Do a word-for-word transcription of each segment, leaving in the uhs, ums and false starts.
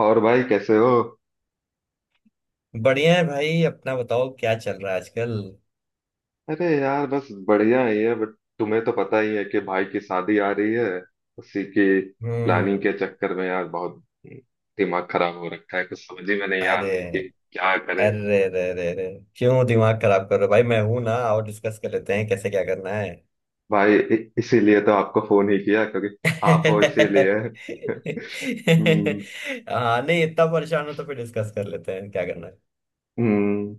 और भाई कैसे हो? बढ़िया है भाई। अपना बताओ क्या चल रहा है आजकल। अरे यार, बस बढ़िया ही है। बट तुम्हें तो पता ही है कि भाई की शादी आ रही है। उसी की प्लानिंग हम्म। के चक्कर में यार, बहुत दिमाग खराब हो रखा है। कुछ समझ ही में नहीं आ रहा है कि अरे क्या करें। अरे अरे अरे अरे, क्यों दिमाग खराब कर रहे हो भाई? मैं हूं ना, और डिस्कस कर लेते हैं कैसे क्या करना है। भाई, इ- इसीलिए तो आपको फोन ही किया क्योंकि आप हो, इसीलिए। हम्म, हाँ नहीं, इतना परेशान हो तो फिर डिस्कस कर लेते हैं क्या करना है। हम्म।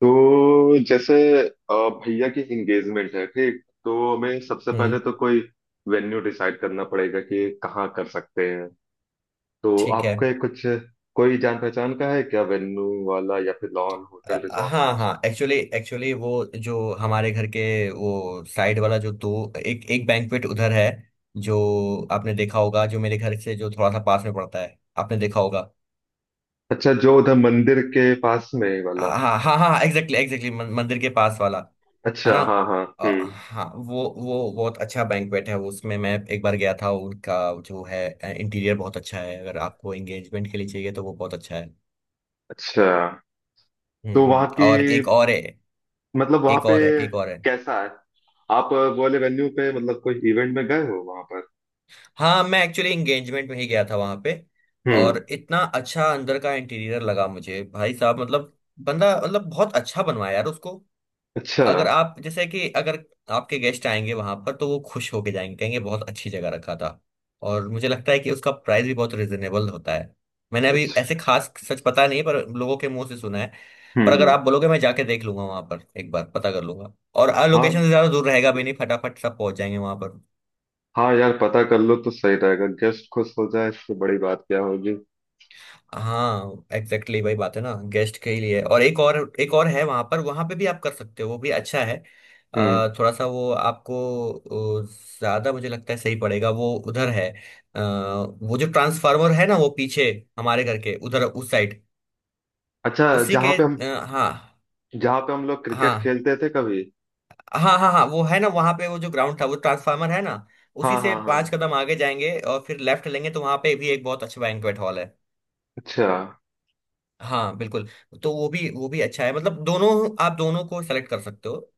तो जैसे, अ, भैया की एंगेजमेंट है। ठीक, तो हमें सबसे पहले हम्म। तो कोई वेन्यू डिसाइड करना पड़ेगा कि कहाँ कर सकते हैं। तो ठीक है। आपके कुछ कोई जान पहचान का है क्या? वेन्यू वाला, या फिर लॉन, होटल, अ, रिजॉर्ट हाँ कुछ? हाँ, एक्चुअली एक्चुअली वो, जो हमारे घर के, वो साइड वाला, जो दो एक एक बैंक्वेट उधर है, जो आपने देखा होगा, जो मेरे घर से जो थोड़ा सा पास में पड़ता है, आपने देखा होगा। अच्छा, जो उधर मंदिर के पास में वाला? हाँ हाँ हाँ, एग्जैक्टली एग्जैक्टली मंदिर के पास वाला। अच्छा। है ना? हाँ, हाँ। अ, हम्म। हाँ, वो वो बहुत अच्छा बैंक्वेट है, उसमें मैं एक बार गया था। उनका जो है, इंटीरियर बहुत अच्छा है, अगर आपको एंगेजमेंट के लिए चाहिए तो वो बहुत अच्छा है। अच्छा, हम्म तो वहाँ हम्म। की, और एक और है, मतलब वहाँ एक पे और है, एक और है। कैसा है? आप बोले वेन्यू पे, मतलब कोई इवेंट में गए हो वहाँ पर? हाँ, मैं एक्चुअली एंगेजमेंट में ही गया था वहां पे। हम्म। और इतना अच्छा अंदर का इंटीरियर लगा मुझे भाई साहब, मतलब बंदा, मतलब बहुत अच्छा बनवाया यार उसको। अच्छा, अगर आप जैसे कि अगर आपके गेस्ट आएंगे वहां पर, तो वो खुश होके जाएंगे, कहेंगे बहुत अच्छी जगह रखा था। और मुझे लगता है कि उसका प्राइस भी बहुत रिजनेबल होता है। मैंने अभी ऐसे अच्छा। खास सच पता नहीं, पर लोगों के मुंह से सुना है। हम्म, पर अगर हम्म। आप बोलोगे, मैं जाके देख लूंगा वहां पर एक बार, पता कर लूंगा। और हाँ, लोकेशन से ज्यादा दूर रहेगा भी नहीं, फटाफट सब पहुंच जाएंगे वहां पर। हाँ यार, पता कर लो तो सही रहेगा। गेस्ट खुश हो जाए, इससे बड़ी बात क्या होगी। हाँ, एग्जैक्टली exactly वही बात है ना, गेस्ट के ही लिए। और एक और, एक और है वहां पर वहां पे भी आप कर सकते हो, वो भी अच्छा है। हम्म। अ, थोड़ा सा वो आपको, अ, ज्यादा मुझे लगता है सही पड़ेगा, वो उधर है। अ, वो जो ट्रांसफार्मर है ना, वो पीछे हमारे घर के उधर, उस साइड, अच्छा, उसी जहाँ के पे हम अ, हाँ जहाँ पे हम लोग क्रिकेट हाँ खेलते थे कभी? हाँ हाँ हाँ, वो है ना वहां पे, वो जो ग्राउंड था, वो ट्रांसफार्मर है ना, उसी हाँ, से हाँ, पांच हाँ। कदम आगे जाएंगे और फिर लेफ्ट लेंगे, तो वहां पे भी एक बहुत अच्छा बैंक्वेट हॉल है। अच्छा। हाँ बिल्कुल। तो वो भी वो भी अच्छा है, मतलब दोनों, आप दोनों को सेलेक्ट कर सकते हो।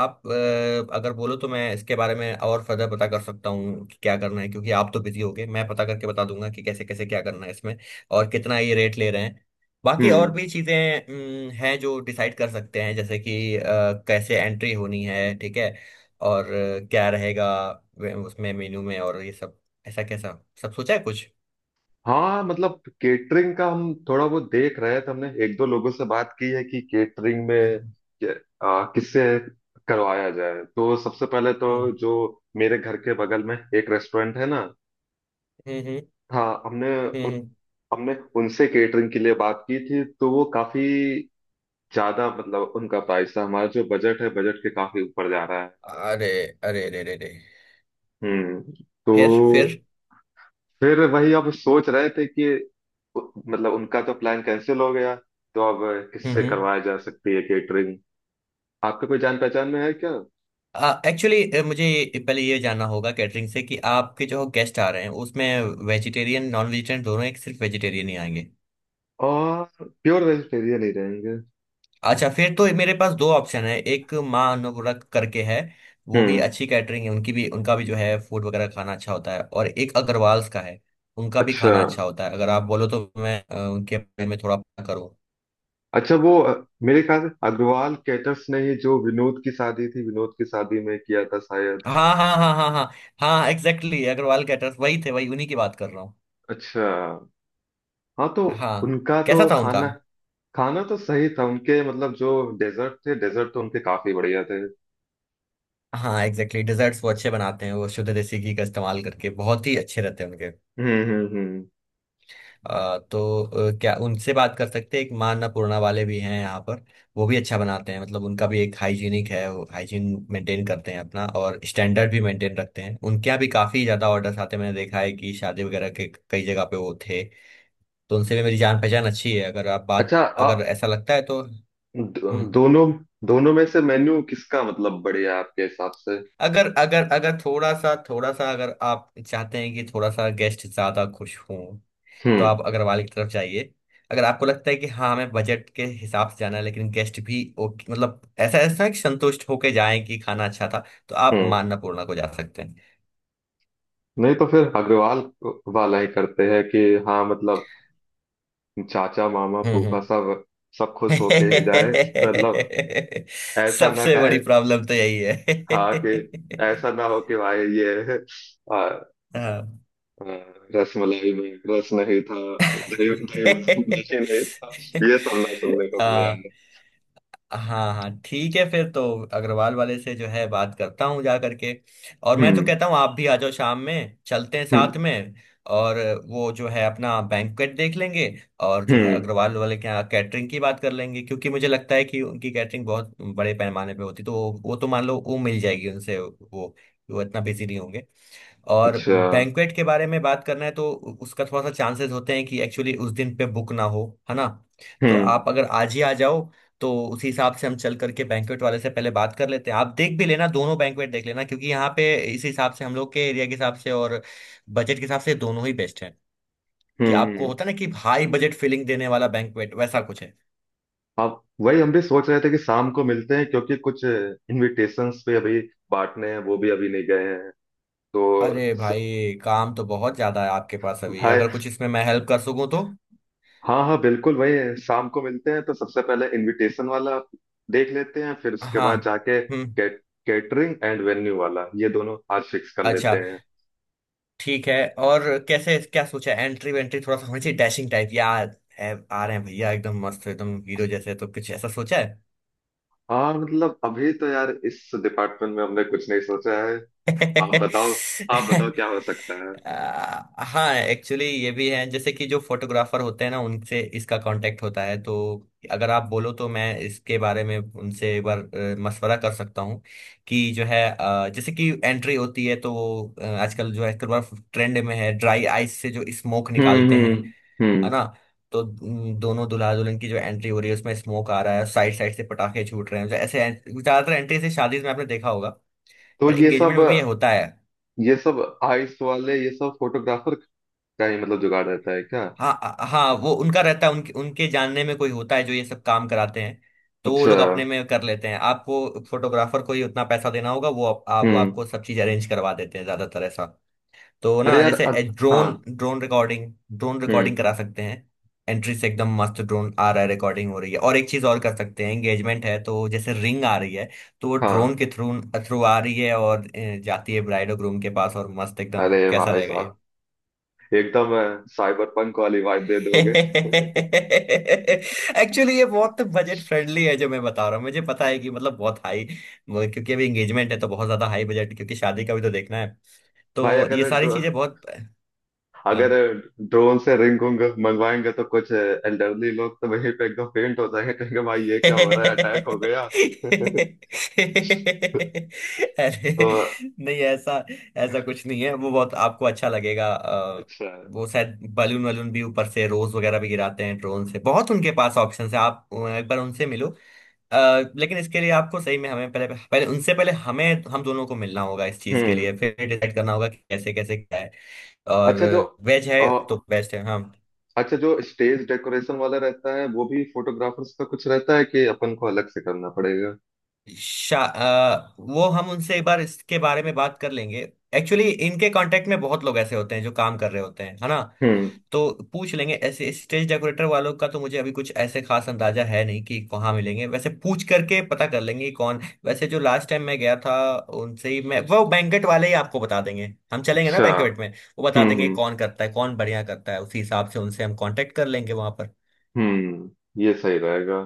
आप, अ, अगर बोलो तो मैं इसके बारे में और फर्दर पता कर सकता हूँ कि क्या करना है, क्योंकि आप तो बिजी होगे। मैं पता करके बता दूंगा कि कैसे कैसे क्या करना है इसमें, और कितना ये रेट ले रहे हैं, बाकी और हम्म। भी चीज़ें अम, हैं जो डिसाइड कर सकते हैं, जैसे कि अ, कैसे एंट्री होनी है, ठीक है? और अ, क्या रहेगा वे- उसमें मेन्यू में, और ये सब ऐसा कैसा सब सोचा है कुछ। हाँ, मतलब केटरिंग का हम थोड़ा वो देख रहे थे। हमने एक दो लोगों से बात की है कि केटरिंग में हम्म के- आ, किससे करवाया जाए। तो सबसे पहले तो हम्म जो मेरे घर के बगल में एक रेस्टोरेंट है ना, हम्म हाँ, हमने हम्म उन, हम्म, हमने उनसे केटरिंग के लिए बात की थी। तो वो काफी ज्यादा, मतलब उनका प्राइस था, हमारा जो बजट है, बजट के काफी ऊपर जा रहा है। अरे अरे अरे अरे अरे। हम्म। तो फिर फिर फिर वही अब सोच रहे थे कि उ- मतलब उनका तो प्लान कैंसिल हो गया। तो अब किससे हम्म करवाया जा सकती है केटरिंग? आपके कोई जान पहचान में है क्या? एक्चुअली मुझे ये- पहले ये जानना होगा कैटरिंग से कि आपके जो गेस्ट आ रहे हैं उसमें वेजिटेरियन नॉन वेजिटेरियन दोनों, एक सिर्फ वेजिटेरियन ही आएंगे। और प्योर वेजिटेरियन ही रहेंगे। अच्छा, फिर तो मेरे पास दो ऑप्शन है। एक माँ अन्नपूर्णा करके है, वो भी हम्म। अच्छी कैटरिंग है, उनकी भी, उनका भी जो है फूड वगैरह खाना अच्छा होता है। और एक अग्रवाल्स का है, उनका भी अच्छा, खाना अच्छा होता है। अगर आप बोलो तो मैं अ, उनके बारे में थोड़ा पता करूँ। अच्छा, वो अ, मेरे ख्याल से अग्रवाल कैटर्स ने ही जो विनोद की शादी थी, विनोद की शादी में किया था शायद। हाँ हाँ हाँ हाँ हाँ, हाँ एग्जैक्टली, अग्रवाल कैटर्स वही थे, वही, उन्हीं की बात कर रहा हूँ। अच्छा। हाँ, तो हाँ, उनका तो कैसा था उनका? खाना खाना तो सही था। उनके, मतलब जो डेजर्ट थे, डेजर्ट तो उनके काफी बढ़िया थे। हाँ एग्जैक्टली exactly, desserts वो अच्छे बनाते हैं, वो शुद्ध देसी घी का इस्तेमाल करके बहुत ही अच्छे रहते हैं उनके। हम्म, हम्म, हम्म। आ, तो अ, क्या उनसे बात कर सकते हैं? एक माँ अन्नपूर्णा वाले भी हैं यहाँ पर, वो भी अच्छा बनाते हैं, मतलब उनका भी एक हाइजीनिक है, वो हाइजीन मेंटेन करते हैं अपना, और स्टैंडर्ड भी मेंटेन रखते हैं। उनके यहाँ भी काफ़ी ज़्यादा ऑर्डर्स आते हैं, मैंने देखा है कि शादी वगैरह के कई जगह पे वो थे। तो उनसे भी मेरी जान पहचान अच्छी है, अगर आप बात अच्छा, अ- अगर ऐसा लगता है तो। दो- हम्म। दोनों दोनों में से मेन्यू किसका, मतलब बढ़िया है आपके हिसाब से? अगर अगर अगर थोड़ा सा थोड़ा सा, अगर आप चाहते हैं कि थोड़ा सा गेस्ट ज्यादा खुश हों, तो हम्म, आप अग्रवाल की तरफ जाइए। अगर आपको लगता है कि हाँ, हमें बजट के हिसाब से जाना है, लेकिन गेस्ट भी ओके, मतलब ऐसा ऐसा है कि संतुष्ट होके जाएं कि खाना अच्छा था, तो आप हम्म। मान्नापूर्णा को जा सकते हैं। नहीं, तो फिर अग्रवाल वाला ही करते हैं कि, हाँ, मतलब चाचा, मामा, हम्म फूफा, हम्म। सब सब खुश होके ही जाए। मतलब ऐसा ना सबसे कहे। बड़ी प्रॉब्लम तो यही हाँ, है। कि ऐसा ना हो कि भाई, ये आ, आ, हाँ। रसमलाई में रस नहीं था। दही दही मस- दही नहीं था। ये सब ना सुनने को मिले हाँ यार। हाँ हाँ, ठीक है फिर तो अग्रवाल वाले से जो है बात करता हूँ जा करके। और मैं तो हम्म, कहता हूँ आप भी आ जाओ, शाम में चलते हैं साथ हम्म, में, और वो जो है अपना बैंक्वेट देख लेंगे, और जो है हम्म। अग्रवाल वाले के यहाँ कैटरिंग की बात कर लेंगे, क्योंकि मुझे लगता है कि उनकी कैटरिंग बहुत बड़े पैमाने पे होती, तो वो, वो तो मान लो वो मिल जाएगी उनसे। वो वो इतना बिजी नहीं होंगे। और अच्छा। बैंक्वेट के बारे में बात करना है तो उ- उसका थोड़ा सा चांसेस होते हैं कि एक्चुअली उस दिन पे बुक ना हो। है ना? तो आप हम्म, अगर आज ही आ जाओ, तो उसी हिसाब से हम चल करके बैंक्वेट वाले से पहले बात कर लेते हैं, आप देख भी लेना दोनों बैंक्वेट। देख लेना क्योंकि यहाँ पे इस हिसाब से, हम लोग के एरिया के हिसाब से और बजट के हिसाब से दोनों ही बेस्ट है। कि आपको हम्म। होता है ना, कि हाई बजट फीलिंग देने वाला बैंक्वेट, वैसा कुछ है। आप वही, हम भी सोच रहे थे कि शाम को मिलते हैं क्योंकि कुछ इनविटेशंस पे अभी बांटने हैं, वो भी अभी नहीं गए हैं। तो अरे स, भाई काम तो बहुत ज्यादा है आपके पास अभी, भाई, अगर कुछ इसमें मैं हेल्प कर सकूं तो। हाँ, हाँ, बिल्कुल वही है, शाम को मिलते हैं। तो सबसे पहले इनविटेशन वाला देख लेते हैं, फिर उसके हाँ। बाद जाके हम्म। कैट, कैटरिंग एंड वेन्यू वाला, ये दोनों आज फिक्स कर लेते अच्छा। हैं। ठीक है। और कैसे क्या सोचा? एंट्री वेंट्री थोड़ा सा होनी चाहिए डैशिंग टाइप, या है, आ रहे हैं भैया एकदम मस्त, एकदम हीरो जैसे, तो कुछ ऐसा सोचा है? हाँ, मतलब अभी तो यार इस डिपार्टमेंट में हमने कुछ नहीं सोचा है। आप बताओ। आप बताओ क्या हो सकता है। आ, हाँ एक्चुअली ये भी है, जैसे कि जो फोटोग्राफर होते हैं ना, उनसे इसका कांटेक्ट होता है। तो अगर आप बोलो तो मैं इसके बारे में उनसे एक बार अ, मशवरा कर सकता हूँ कि जो है, अ, जैसे कि एंट्री होती है तो वो, अ, आजकल जो है एक बार ट्रेंड में है, ड्राई आइस से जो स्मोक हम्म, निकालते हैं। हम्म, हम्म। है ना? तो उम, दोनों दुल्हा दुल्हन की जो एंट्री हो रही है, उसमें स्मोक आ रहा है, साइड साइड से पटाखे छूट रहे हैं, ऐसे ऐसे- ज्यादातर एंट्री से शादी में आपने देखा होगा। तो पर ये एंगेजमेंट सब में भी ये होता है। ये सब आइस वाले, ये सब फोटोग्राफर का ही मतलब जुगाड़ रहता है क्या? हाँ, आ- हाँ वो उनका रहता है, उनके उनके जानने में कोई होता है जो ये सब काम कराते हैं। तो वो अच्छा। लोग अपने में कर लेते हैं, आपको फोटोग्राफर को ही उतना पैसा देना होगा, वो आप, आप, वो हम्म। आपको सब चीज अरेंज करवा देते हैं, ज्यादातर ऐसा। तो अरे ना, यार, जैसे अद, ड्रोन हाँ, ड्रोन रिकॉर्डिंग ड्रोन रिकॉर्डिंग हम्म, करा सकते हैं। एंट्री से एकदम मस्त ड्रोन आ रहा है, रिकॉर्डिंग हो रही है। और एक चीज और कर सकते हैं, एंगेजमेंट है तो जैसे रिंग आ रही है, तो वो ड्रोन हाँ। के थ्रू थ्रू आ रही है, और अ, जाती है ब्राइड और ग्रूम के पास, और मस्त एकदम, अरे कैसा भाई रहेगा साहब, ये? एकदम साइबर पंक वाली वाइब दे दोगे। एक्चुअली ये बहुत बजट फ्रेंडली है जो मैं बता रहा हूँ, मुझे पता है कि मतलब बहुत हाई, क्योंकि अभी एंगेजमेंट है तो बहुत ज्यादा हाई बजट, क्योंकि शादी का भी तो देखना है, भाई, तो ये अगर सारी ड्रो, चीजें बहुत। अगर हाँ। ड्रोन से रिंग उंग मंगवाएंगे तो कुछ एल्डरली लोग तो वहीं पे एकदम फेंट हो जाएंगे, कहेंगे भाई ये क्या हो रहा है, अटैक अरे हो गया। तो, नहीं, ऐसा ऐसा कुछ नहीं है, वो बहुत आपको अच्छा लगेगा। अ, अच्छा। वो शायद बलून वलून भी ऊपर से रोज वगैरह भी गिराते हैं ड्रोन से, बहुत उनके पास ऑप्शन है, आप अ, एक बार उनसे मिलो। अ, लेकिन इसके लिए आपको सही में, हमें पहले पहले उनसे पहले हमें हम दोनों को मिलना होगा इस चीज के लिए, हम्म। फिर डिसाइड करना होगा कि कैसे कैसे क्या है। और अच्छा जो वेज है तो बेस्ट है, हाँ। अच्छा जो स्टेज डेकोरेशन वाला रहता है, वो भी फोटोग्राफर्स का कुछ रहता है, कि अपन को अलग से करना पड़ेगा? शा अ, वो हम उनसे एक बार इसके बारे में बात कर लेंगे। एक्चुअली इनके कांटेक्ट में बहुत लोग ऐसे होते हैं जो काम कर रहे होते हैं, है ना। हम्म। तो पूछ लेंगे, ऐसे स्टेज डेकोरेटर वालों का तो मुझे अभी कुछ ऐसे खास अंदाजा है नहीं कि कहाँ मिलेंगे, वैसे पूछ करके पता कर लेंगे कि कौन। वैसे जो लास्ट टाइम मैं गया था उनसे ही, मैं वो बैंकेट वाले ही आपको बता देंगे, हम चलेंगे ना अच्छा। बैंकेट में, वो बता हम्म, देंगे हम्म, कौन करता है, कौन बढ़िया करता है, उसी हिसाब से उनसे हम कांटेक्ट कर लेंगे वहां पर। हम्म। ये सही रहेगा।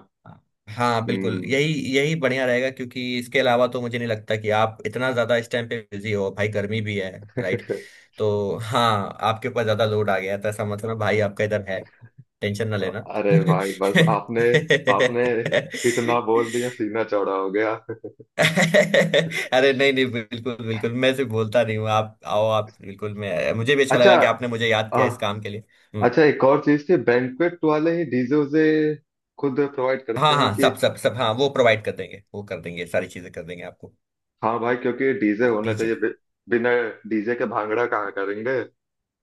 हाँ बिल्कुल, हम्म। यही यही बढ़िया रहेगा, क्योंकि इसके अलावा तो मुझे नहीं लगता कि आप इतना ज्यादा इस टाइम पे बिजी हो भाई, गर्मी भी है, राइट, तो हाँ, आपके ऊपर ज्यादा लोड आ गया है, तो ऐसा मतलब भाई आपका इधर है, टेंशन ना लेना। अरे भाई, बस आपने आपने इतना बोल दिया, सीना चौड़ा हो गया। अरे नहीं नहीं, बिल्कुल बिल्कुल, मैं सिर्फ बोलता नहीं हूँ, आप आओ आप बिल्कुल, मैं मुझे भी अच्छा अच्छा। लगा कि आपने मुझे याद किया आ, इस काम के लिए। हम्म। अच्छा, एक और चीज थी, बैंक्वेट वाले ही डीजे उसे खुद प्रोवाइड हाँ करते हैं हाँ, कि? सब सब सब, हाँ वो प्रोवाइड कर देंगे, वो कर देंगे, सारी चीजें कर देंगे आपको। हाँ भाई, क्योंकि डीजे होना टीचर। चाहिए। बि, बिना डीजे के भांगड़ा कहाँ करेंगे।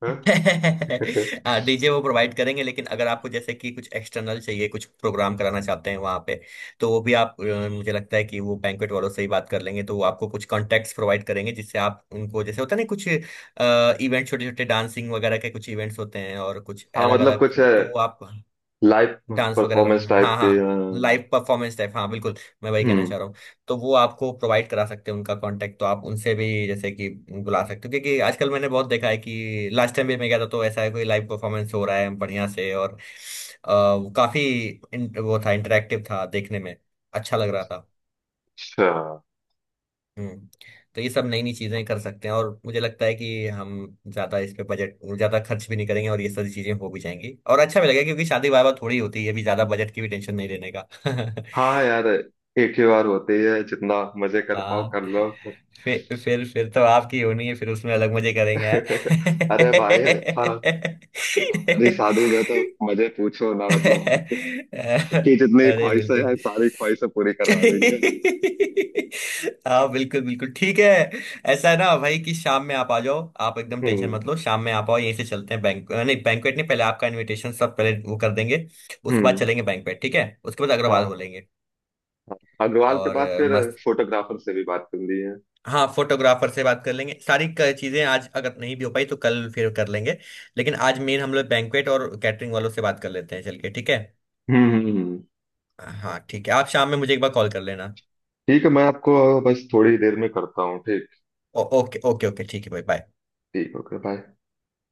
हाँ। हाँ, डीजे वो प्रोवाइड करेंगे, लेकिन अगर आपको जैसे कि कुछ एक्सटर्नल चाहिए, कुछ प्रोग्राम कराना चाहते हैं वहाँ पे, तो वो भी आप अ, मुझे लगता है कि वो बैंक्वेट वालों से ही बात कर लेंगे, तो वो आपको कुछ कॉन्टेक्ट्स प्रोवाइड करेंगे, जिससे आप उनको, जैसे होता है ना कुछ इवेंट, छोटे छोटे डांसिंग वगैरह के कुछ इवेंट्स होते हैं, और कुछ हाँ, अलग मतलब अलग, कुछ तो वो आप, लाइव डांस वगैरह का, परफॉर्मेंस टाइप हाँ के। हाँ अ, लाइव परफॉर्मेंस टाइप, हाँ बिल्कुल। मैं वही कहना चाह हम्म। रहा हूँ। तो वो आपको प्रोवाइड करा सकते हैं उनका कांटेक्ट, तो आप उनसे भी जैसे कि बुला सकते हो, क्योंकि आजकल मैंने बहुत देखा है कि लास्ट टाइम भी मैं गया था, तो ऐसा है कोई लाइव परफॉर्मेंस हो रहा है बढ़िया से, और अ, वो काफी इन- वो था इंटरेक्टिव, था देखने में अच्छा लग रहा था। अच्छा। हम्म। तो ये सब नई नई चीजें कर सकते हैं, और मुझे लगता है कि हम ज्यादा इस पे बजट ज्यादा खर्च भी नहीं करेंगे और ये सारी चीजें हो भी जाएंगी, और अच्छा भी लगेगा, क्योंकि शादी वाह वाह थोड़ी होती है अभी, ज्यादा बजट की भी टेंशन नहीं लेने का। हाँ यार, एक ही बार होती है, जितना मजे कर पाओ हाँ, कर लो। फिर फिर फिर तो आपकी होनी है, फिर उसमें अलग मजे करेंगे, हैं? अरे भाई। हाँ, हमारी शादी में तो मजे पूछो ना, मतलब आपकी आपकी जितनी अरे ख्वाहिशें बिल्कुल। हैं, सारी ख्वाहिशें पूरी करवा देंगे। हाँ बिल्कुल बिल्कुल, ठीक है। ऐसा है ना भाई, कि शाम में आप आ जाओ, आप एकदम टेंशन हम्म, मत लो, शाम में आप आओ, यहीं से चलते हैं, बैंक नहीं बैंकवेट, नहीं पहले आपका इनविटेशन सब पहले वो कर देंगे। उसके बाद हम्म। चलेंगे बैंकवेट, ठीक है, उसके बाद अग्रवाल हो हाँ, लेंगे, हाँ, अग्रवाल के और बाद अ, फिर मस्त। फोटोग्राफर से भी बात करनी है। हाँ, फोटोग्राफर से बात कर लेंगे, सारी क- चीजें आज अगर नहीं भी हो पाई तो कल फिर कर लेंगे। लेकिन आज मेन हम लोग बैंकवेट और कैटरिंग वालों से बात कर लेते हैं चल के, ठीक है। हम्म, हम्म, हम्म। हाँ ठीक है, आप शाम में मुझे एक बार कॉल कर लेना। ठीक है, मैं आपको बस थोड़ी देर में करता हूँ। ठीक। ओ, ओके ओके ओके, ठीक है भाई, बाय। ठीक। Okay, bye.